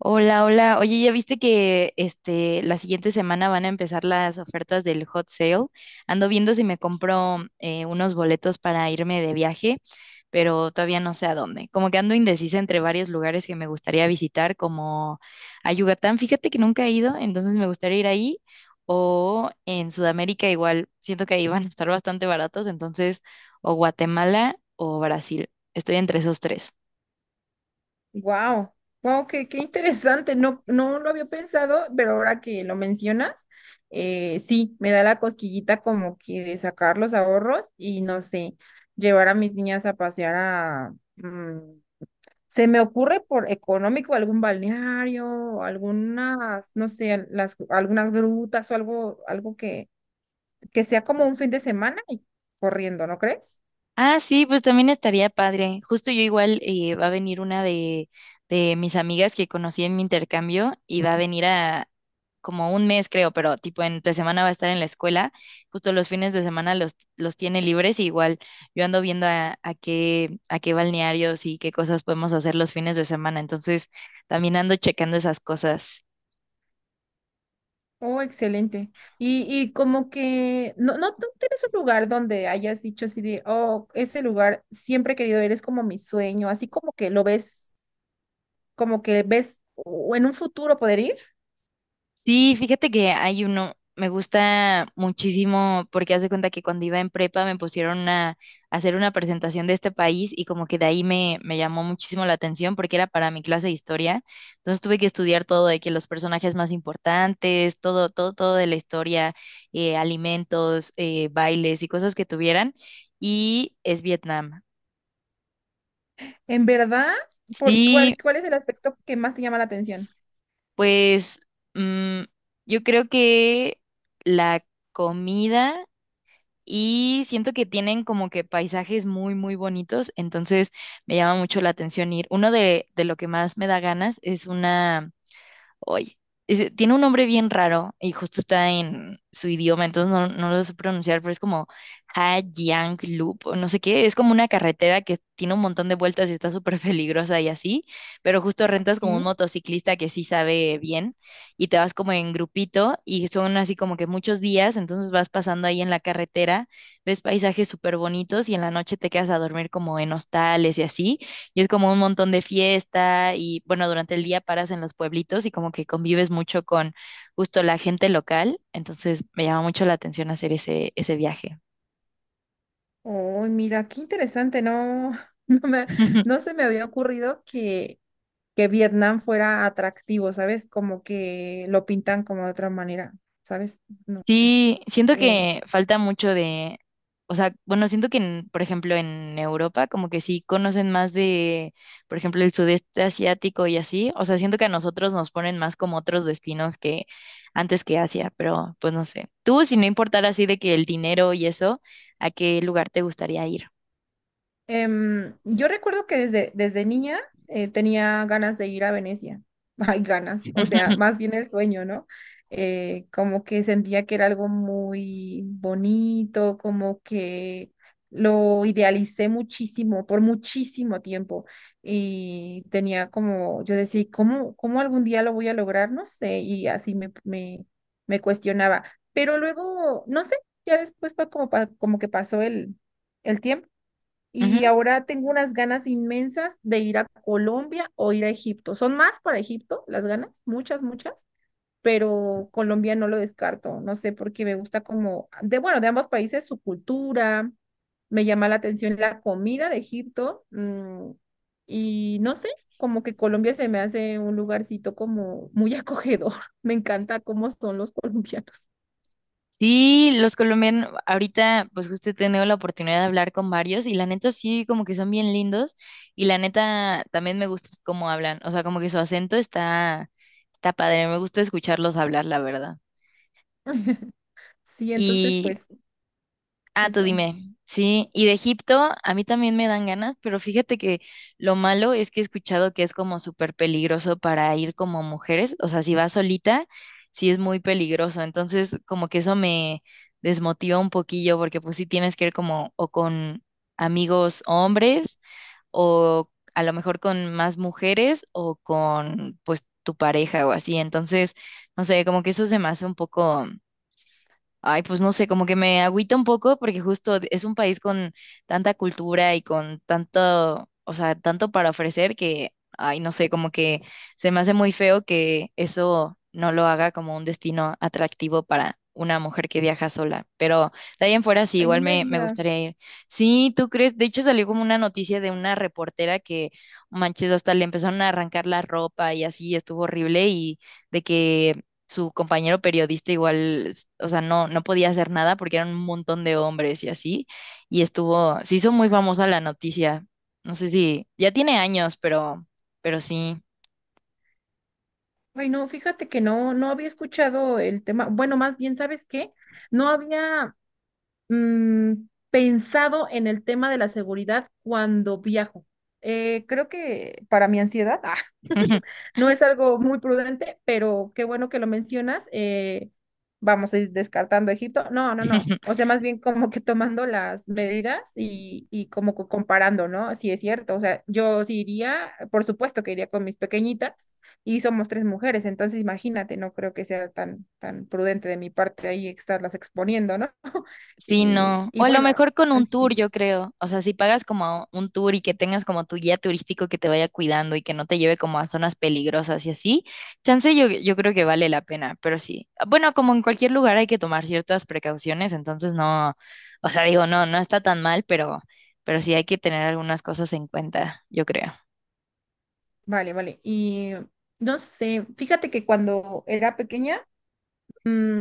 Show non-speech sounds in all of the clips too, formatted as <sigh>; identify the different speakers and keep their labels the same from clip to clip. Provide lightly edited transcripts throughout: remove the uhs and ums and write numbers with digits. Speaker 1: Hola, hola. Oye, ¿ya viste que este la siguiente semana van a empezar las ofertas del hot sale? Ando viendo si me compro unos boletos para irme de viaje, pero todavía no sé a dónde. Como que ando indecisa entre varios lugares que me gustaría visitar, como a Yucatán. Fíjate que nunca he ido, entonces me gustaría ir ahí. O en Sudamérica igual, siento que ahí van a estar bastante baratos, entonces o Guatemala o Brasil. Estoy entre esos tres.
Speaker 2: Wow, wow, qué interesante. No lo había pensado, pero ahora que lo mencionas, sí, me da la cosquillita como que de sacar los ahorros y no sé, llevar a mis niñas a pasear se me ocurre por económico algún balneario, algunas, no sé, las, algunas grutas o algo, que sea como un fin de semana y corriendo, ¿no crees?
Speaker 1: Ah, sí, pues también estaría padre. Justo yo igual va a venir una de mis amigas que conocí en mi intercambio y va a venir a como un mes, creo, pero tipo entre semana va a estar en la escuela. Justo los fines de semana los tiene libres y igual yo ando viendo a a qué balnearios y qué cosas podemos hacer los fines de semana. Entonces también ando checando esas cosas.
Speaker 2: Oh, excelente. Y como que, no, no, ¿tú tienes un lugar donde hayas dicho así de, oh, ese lugar siempre he querido ir, es como mi sueño, así como que lo ves, como que ves o en un futuro poder ir?
Speaker 1: Sí, fíjate que hay uno, me gusta muchísimo porque hace cuenta que cuando iba en prepa me pusieron a hacer una presentación de este país y como que de ahí me llamó muchísimo la atención porque era para mi clase de historia. Entonces tuve que estudiar todo de que los personajes más importantes, todo, todo, todo de la historia, alimentos, bailes y cosas que tuvieran. Y es Vietnam.
Speaker 2: ¿En verdad? Por
Speaker 1: Sí,
Speaker 2: ¿cuál es el aspecto que más te llama la atención?
Speaker 1: pues mm, yo creo que la comida. Y siento que tienen como que paisajes muy, muy bonitos, entonces me llama mucho la atención ir. Uno de lo que más me da ganas es una Oye, tiene un nombre bien raro y justo está en su idioma, entonces no, no lo sé pronunciar, pero es como Hajiang Loop o no sé qué. Es como una carretera que tiene un montón de vueltas y está súper <laughs> peligrosa y así, pero justo rentas como un
Speaker 2: Qué.
Speaker 1: motociclista que sí sabe bien y te vas como en grupito y son así como que muchos días, entonces vas pasando ahí en la carretera, ves paisajes súper bonitos y en la noche te quedas a dormir como en hostales y así. Y es como un montón de fiesta y bueno, durante el día paras en los pueblitos y como que convives mucho con justo la gente local. Entonces me llama mucho la atención hacer ese viaje.
Speaker 2: Oh, mira, qué interesante, <laughs> no me,
Speaker 1: <laughs>
Speaker 2: no se me había ocurrido que Vietnam fuera atractivo, ¿sabes? Como que lo pintan como de otra manera, ¿sabes? No sé.
Speaker 1: Sí, siento
Speaker 2: Em,
Speaker 1: que falta mucho de, o sea, bueno, siento por ejemplo, en Europa como que sí conocen más de, por ejemplo, el sudeste asiático y así, o sea, siento que a nosotros nos ponen más como otros destinos que antes que Asia, pero pues no sé. Tú, si no importara así de que el dinero y eso, ¿a qué lugar te gustaría ir?
Speaker 2: Yo recuerdo que desde niña tenía ganas de ir a Venecia. <laughs> Hay ganas, o sea, más
Speaker 1: <laughs>
Speaker 2: bien el sueño, ¿no? Como que sentía que era algo muy bonito, como que lo idealicé muchísimo, por muchísimo tiempo. Y tenía como, yo decía, cómo algún día lo voy a lograr? No sé, y así me cuestionaba. Pero luego, no sé, ya después fue como, como que pasó el tiempo y
Speaker 1: Ujú.
Speaker 2: ahora tengo unas ganas inmensas de ir a Colombia o ir a Egipto. Son más para Egipto las ganas, muchas, muchas, pero Colombia no lo descarto. No sé, porque me gusta como, de bueno, de ambos países su cultura, me llama la atención la comida de Egipto, mm, y no sé, como que Colombia se me hace un lugarcito como muy acogedor. <laughs> Me encanta cómo son los colombianos.
Speaker 1: Sí, los colombianos, ahorita pues justo he tenido la oportunidad de hablar con varios y la neta sí, como que son bien lindos y la neta también me gusta cómo hablan, o sea, como que su acento está, está padre, me gusta escucharlos hablar, la verdad.
Speaker 2: <laughs> Sí, entonces pues
Speaker 1: Ah, tú
Speaker 2: eso.
Speaker 1: dime. Sí, y de Egipto a mí también me dan ganas, pero fíjate que lo malo es que he escuchado que es como súper peligroso para ir como mujeres, o sea, si vas solita, sí es muy peligroso, entonces como que eso me desmotiva un poquillo porque pues sí tienes que ir como o con amigos hombres o a lo mejor con más mujeres o con pues tu pareja o así, entonces, no sé, como que eso se me hace un poco. Ay, pues no sé, como que me agüita un poco porque justo es un país con tanta cultura y con tanto, o sea, tanto para ofrecer que, ay, no sé, como que se me hace muy feo que eso no lo haga como un destino atractivo para una mujer que viaja sola. Pero de ahí en fuera sí,
Speaker 2: Ay, no
Speaker 1: igual
Speaker 2: me
Speaker 1: me
Speaker 2: digas.
Speaker 1: gustaría ir. Sí, ¿tú crees? De hecho salió como una noticia de una reportera que, manches, hasta le empezaron a arrancar la ropa y así, estuvo horrible y de que su compañero periodista igual, o sea, no, no podía hacer nada porque eran un montón de hombres y así, y estuvo, se hizo muy famosa la noticia. No sé si, ya tiene años, pero sí.
Speaker 2: Ay, no, fíjate que no, no había escuchado el tema. Bueno, más bien, ¿sabes qué? No había mm, pensado en el tema de la seguridad cuando viajo. Creo que para mi ansiedad <laughs>
Speaker 1: <laughs>
Speaker 2: no es algo muy prudente, pero qué bueno que lo mencionas. Vamos a ir descartando a Egipto. No, no, no. O sea, más bien como que tomando las medidas y como comparando, ¿no? Si es cierto. O sea, yo sí iría, por supuesto que iría con mis pequeñitas y somos tres mujeres, entonces imagínate, no creo que sea tan, tan prudente de mi parte ahí estarlas exponiendo, ¿no? <laughs>
Speaker 1: Sí, no. O
Speaker 2: Y
Speaker 1: a lo
Speaker 2: bueno,
Speaker 1: mejor con un tour,
Speaker 2: así.
Speaker 1: yo creo. O sea, si pagas como un tour y que tengas como tu guía turístico que te vaya cuidando y que no te lleve como a zonas peligrosas y así, chance yo creo que vale la pena, pero sí. Bueno, como en cualquier lugar hay que tomar ciertas precauciones, entonces no, o sea, digo, no, no está tan mal, pero sí hay que tener algunas cosas en cuenta, yo creo.
Speaker 2: Vale, vale. Y no sé, fíjate que cuando era pequeña, mm,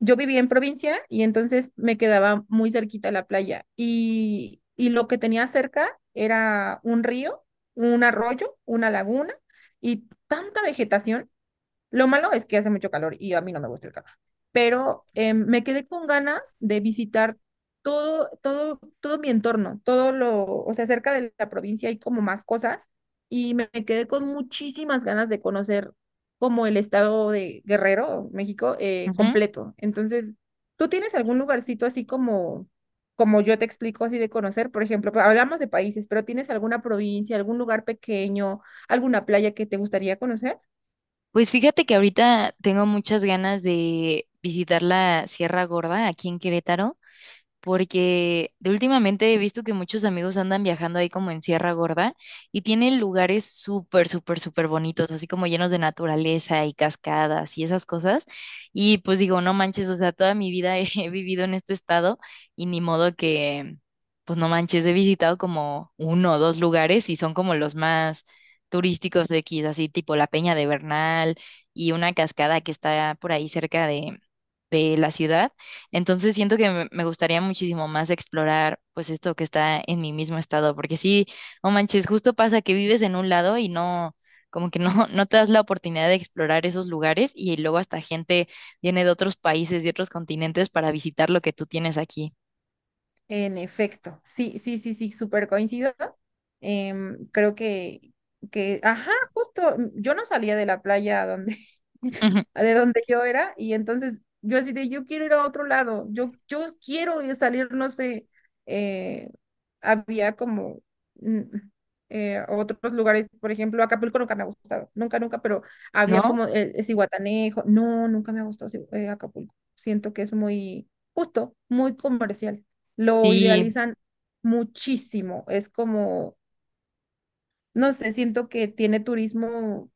Speaker 2: yo vivía en provincia y entonces me quedaba muy cerquita la playa y lo que tenía cerca era un río, un arroyo, una laguna y tanta vegetación. Lo malo es que hace mucho calor y a mí no me gusta el calor, pero me quedé con ganas de visitar todo, todo, todo mi entorno, todo lo, o sea, cerca de la provincia hay como más cosas y me quedé con muchísimas ganas de conocer como el estado de Guerrero, México,
Speaker 1: Ujú.
Speaker 2: completo. Entonces, ¿tú tienes algún lugarcito así como, como yo te explico, así de conocer? Por ejemplo, pues, hablamos de países, pero ¿tienes alguna provincia, algún lugar pequeño, alguna playa que te gustaría conocer?
Speaker 1: Pues fíjate que ahorita tengo muchas ganas de visitar la Sierra Gorda aquí en Querétaro, porque de últimamente he visto que muchos amigos andan viajando ahí como en Sierra Gorda y tienen lugares súper, súper, súper bonitos, así como llenos de naturaleza y cascadas y esas cosas. Y pues digo, no manches, o sea, toda mi vida he, <laughs> he vivido en este estado y ni modo que, pues no manches, he visitado como uno o dos lugares y son como los más turísticos de aquí, así tipo la Peña de Bernal y una cascada que está por ahí cerca de la ciudad, entonces siento que me gustaría muchísimo más explorar pues esto que está en mi mismo estado, porque sí, no manches, justo pasa que vives en un lado y no, como que no, <laughs> no te das la oportunidad de explorar esos lugares y luego hasta gente viene de otros países, de otros continentes para visitar lo que tú tienes aquí,
Speaker 2: En efecto, sí, sí, sí, sí, súper coincido. Creo que, ajá, justo, mm, yo no salía de la playa
Speaker 1: <laughs>
Speaker 2: de donde yo era, y entonces yo así de, yo quiero ir a otro lado, yo salir, no sé, eh, había como mm, otros lugares, por ejemplo, Acapulco nunca me ha gustado, nunca, nunca, pero había
Speaker 1: ¿no?
Speaker 2: como Zihuatanejo, no, nunca me ha gustado Acapulco, siento que es muy justo, muy comercial, lo
Speaker 1: Sí,
Speaker 2: idealizan muchísimo, es como, no sé, siento que tiene turismo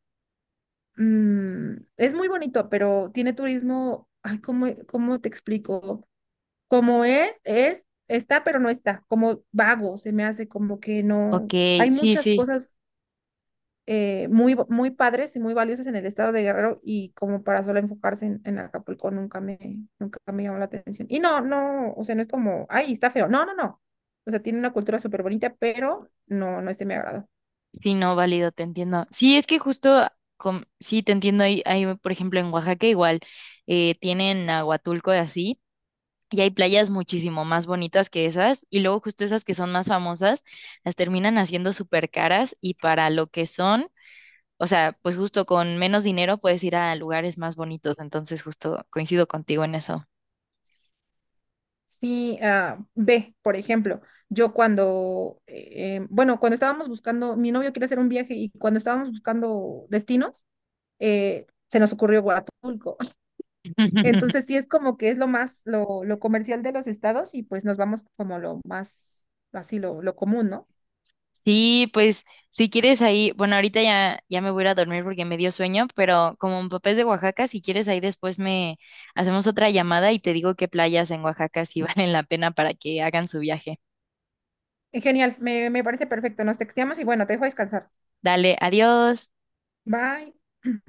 Speaker 2: mm, es muy bonito, pero tiene turismo, ay, cómo te explico? Como está, pero no está, como vago, se me hace como que no,
Speaker 1: ok,
Speaker 2: hay
Speaker 1: sí,
Speaker 2: muchas
Speaker 1: sí,
Speaker 2: cosas muy, muy padres y muy valiosas en el estado de Guerrero y como para solo enfocarse en Acapulco nunca nunca me llamó la atención. Y no, no, o sea, no es como, ay, está feo, no, no, no. O sea, tiene una cultura súper bonita, pero no, no es de mi agrado.
Speaker 1: sí, no, válido, te entiendo. Sí, es que justo, sí, te entiendo, ahí, ahí, por ejemplo, en Oaxaca igual tienen a Huatulco y así. Y hay playas muchísimo más bonitas que esas, y luego justo esas que son más famosas, las terminan haciendo súper caras y para lo que son, o sea, pues justo con menos dinero puedes ir a lugares más bonitos, entonces justo coincido contigo en eso.
Speaker 2: Sí, ah, ve, por ejemplo, yo cuando, bueno, cuando estábamos buscando, mi novio quiere hacer un viaje y cuando estábamos buscando destinos, se nos ocurrió Huatulco. <laughs>
Speaker 1: <laughs>
Speaker 2: Entonces sí es como que es lo más, lo comercial de los estados y pues nos vamos como lo más, así lo común, ¿no?
Speaker 1: Sí, pues si quieres ahí, bueno, ahorita ya, ya me voy a ir a dormir porque me dio sueño, pero como mi papá es de Oaxaca, si quieres ahí después me hacemos otra llamada y te digo qué playas en Oaxaca sí <laughs> valen la pena para que hagan su viaje.
Speaker 2: Genial, me parece perfecto. Nos texteamos y bueno, te dejo descansar.
Speaker 1: Dale, adiós.
Speaker 2: Bye.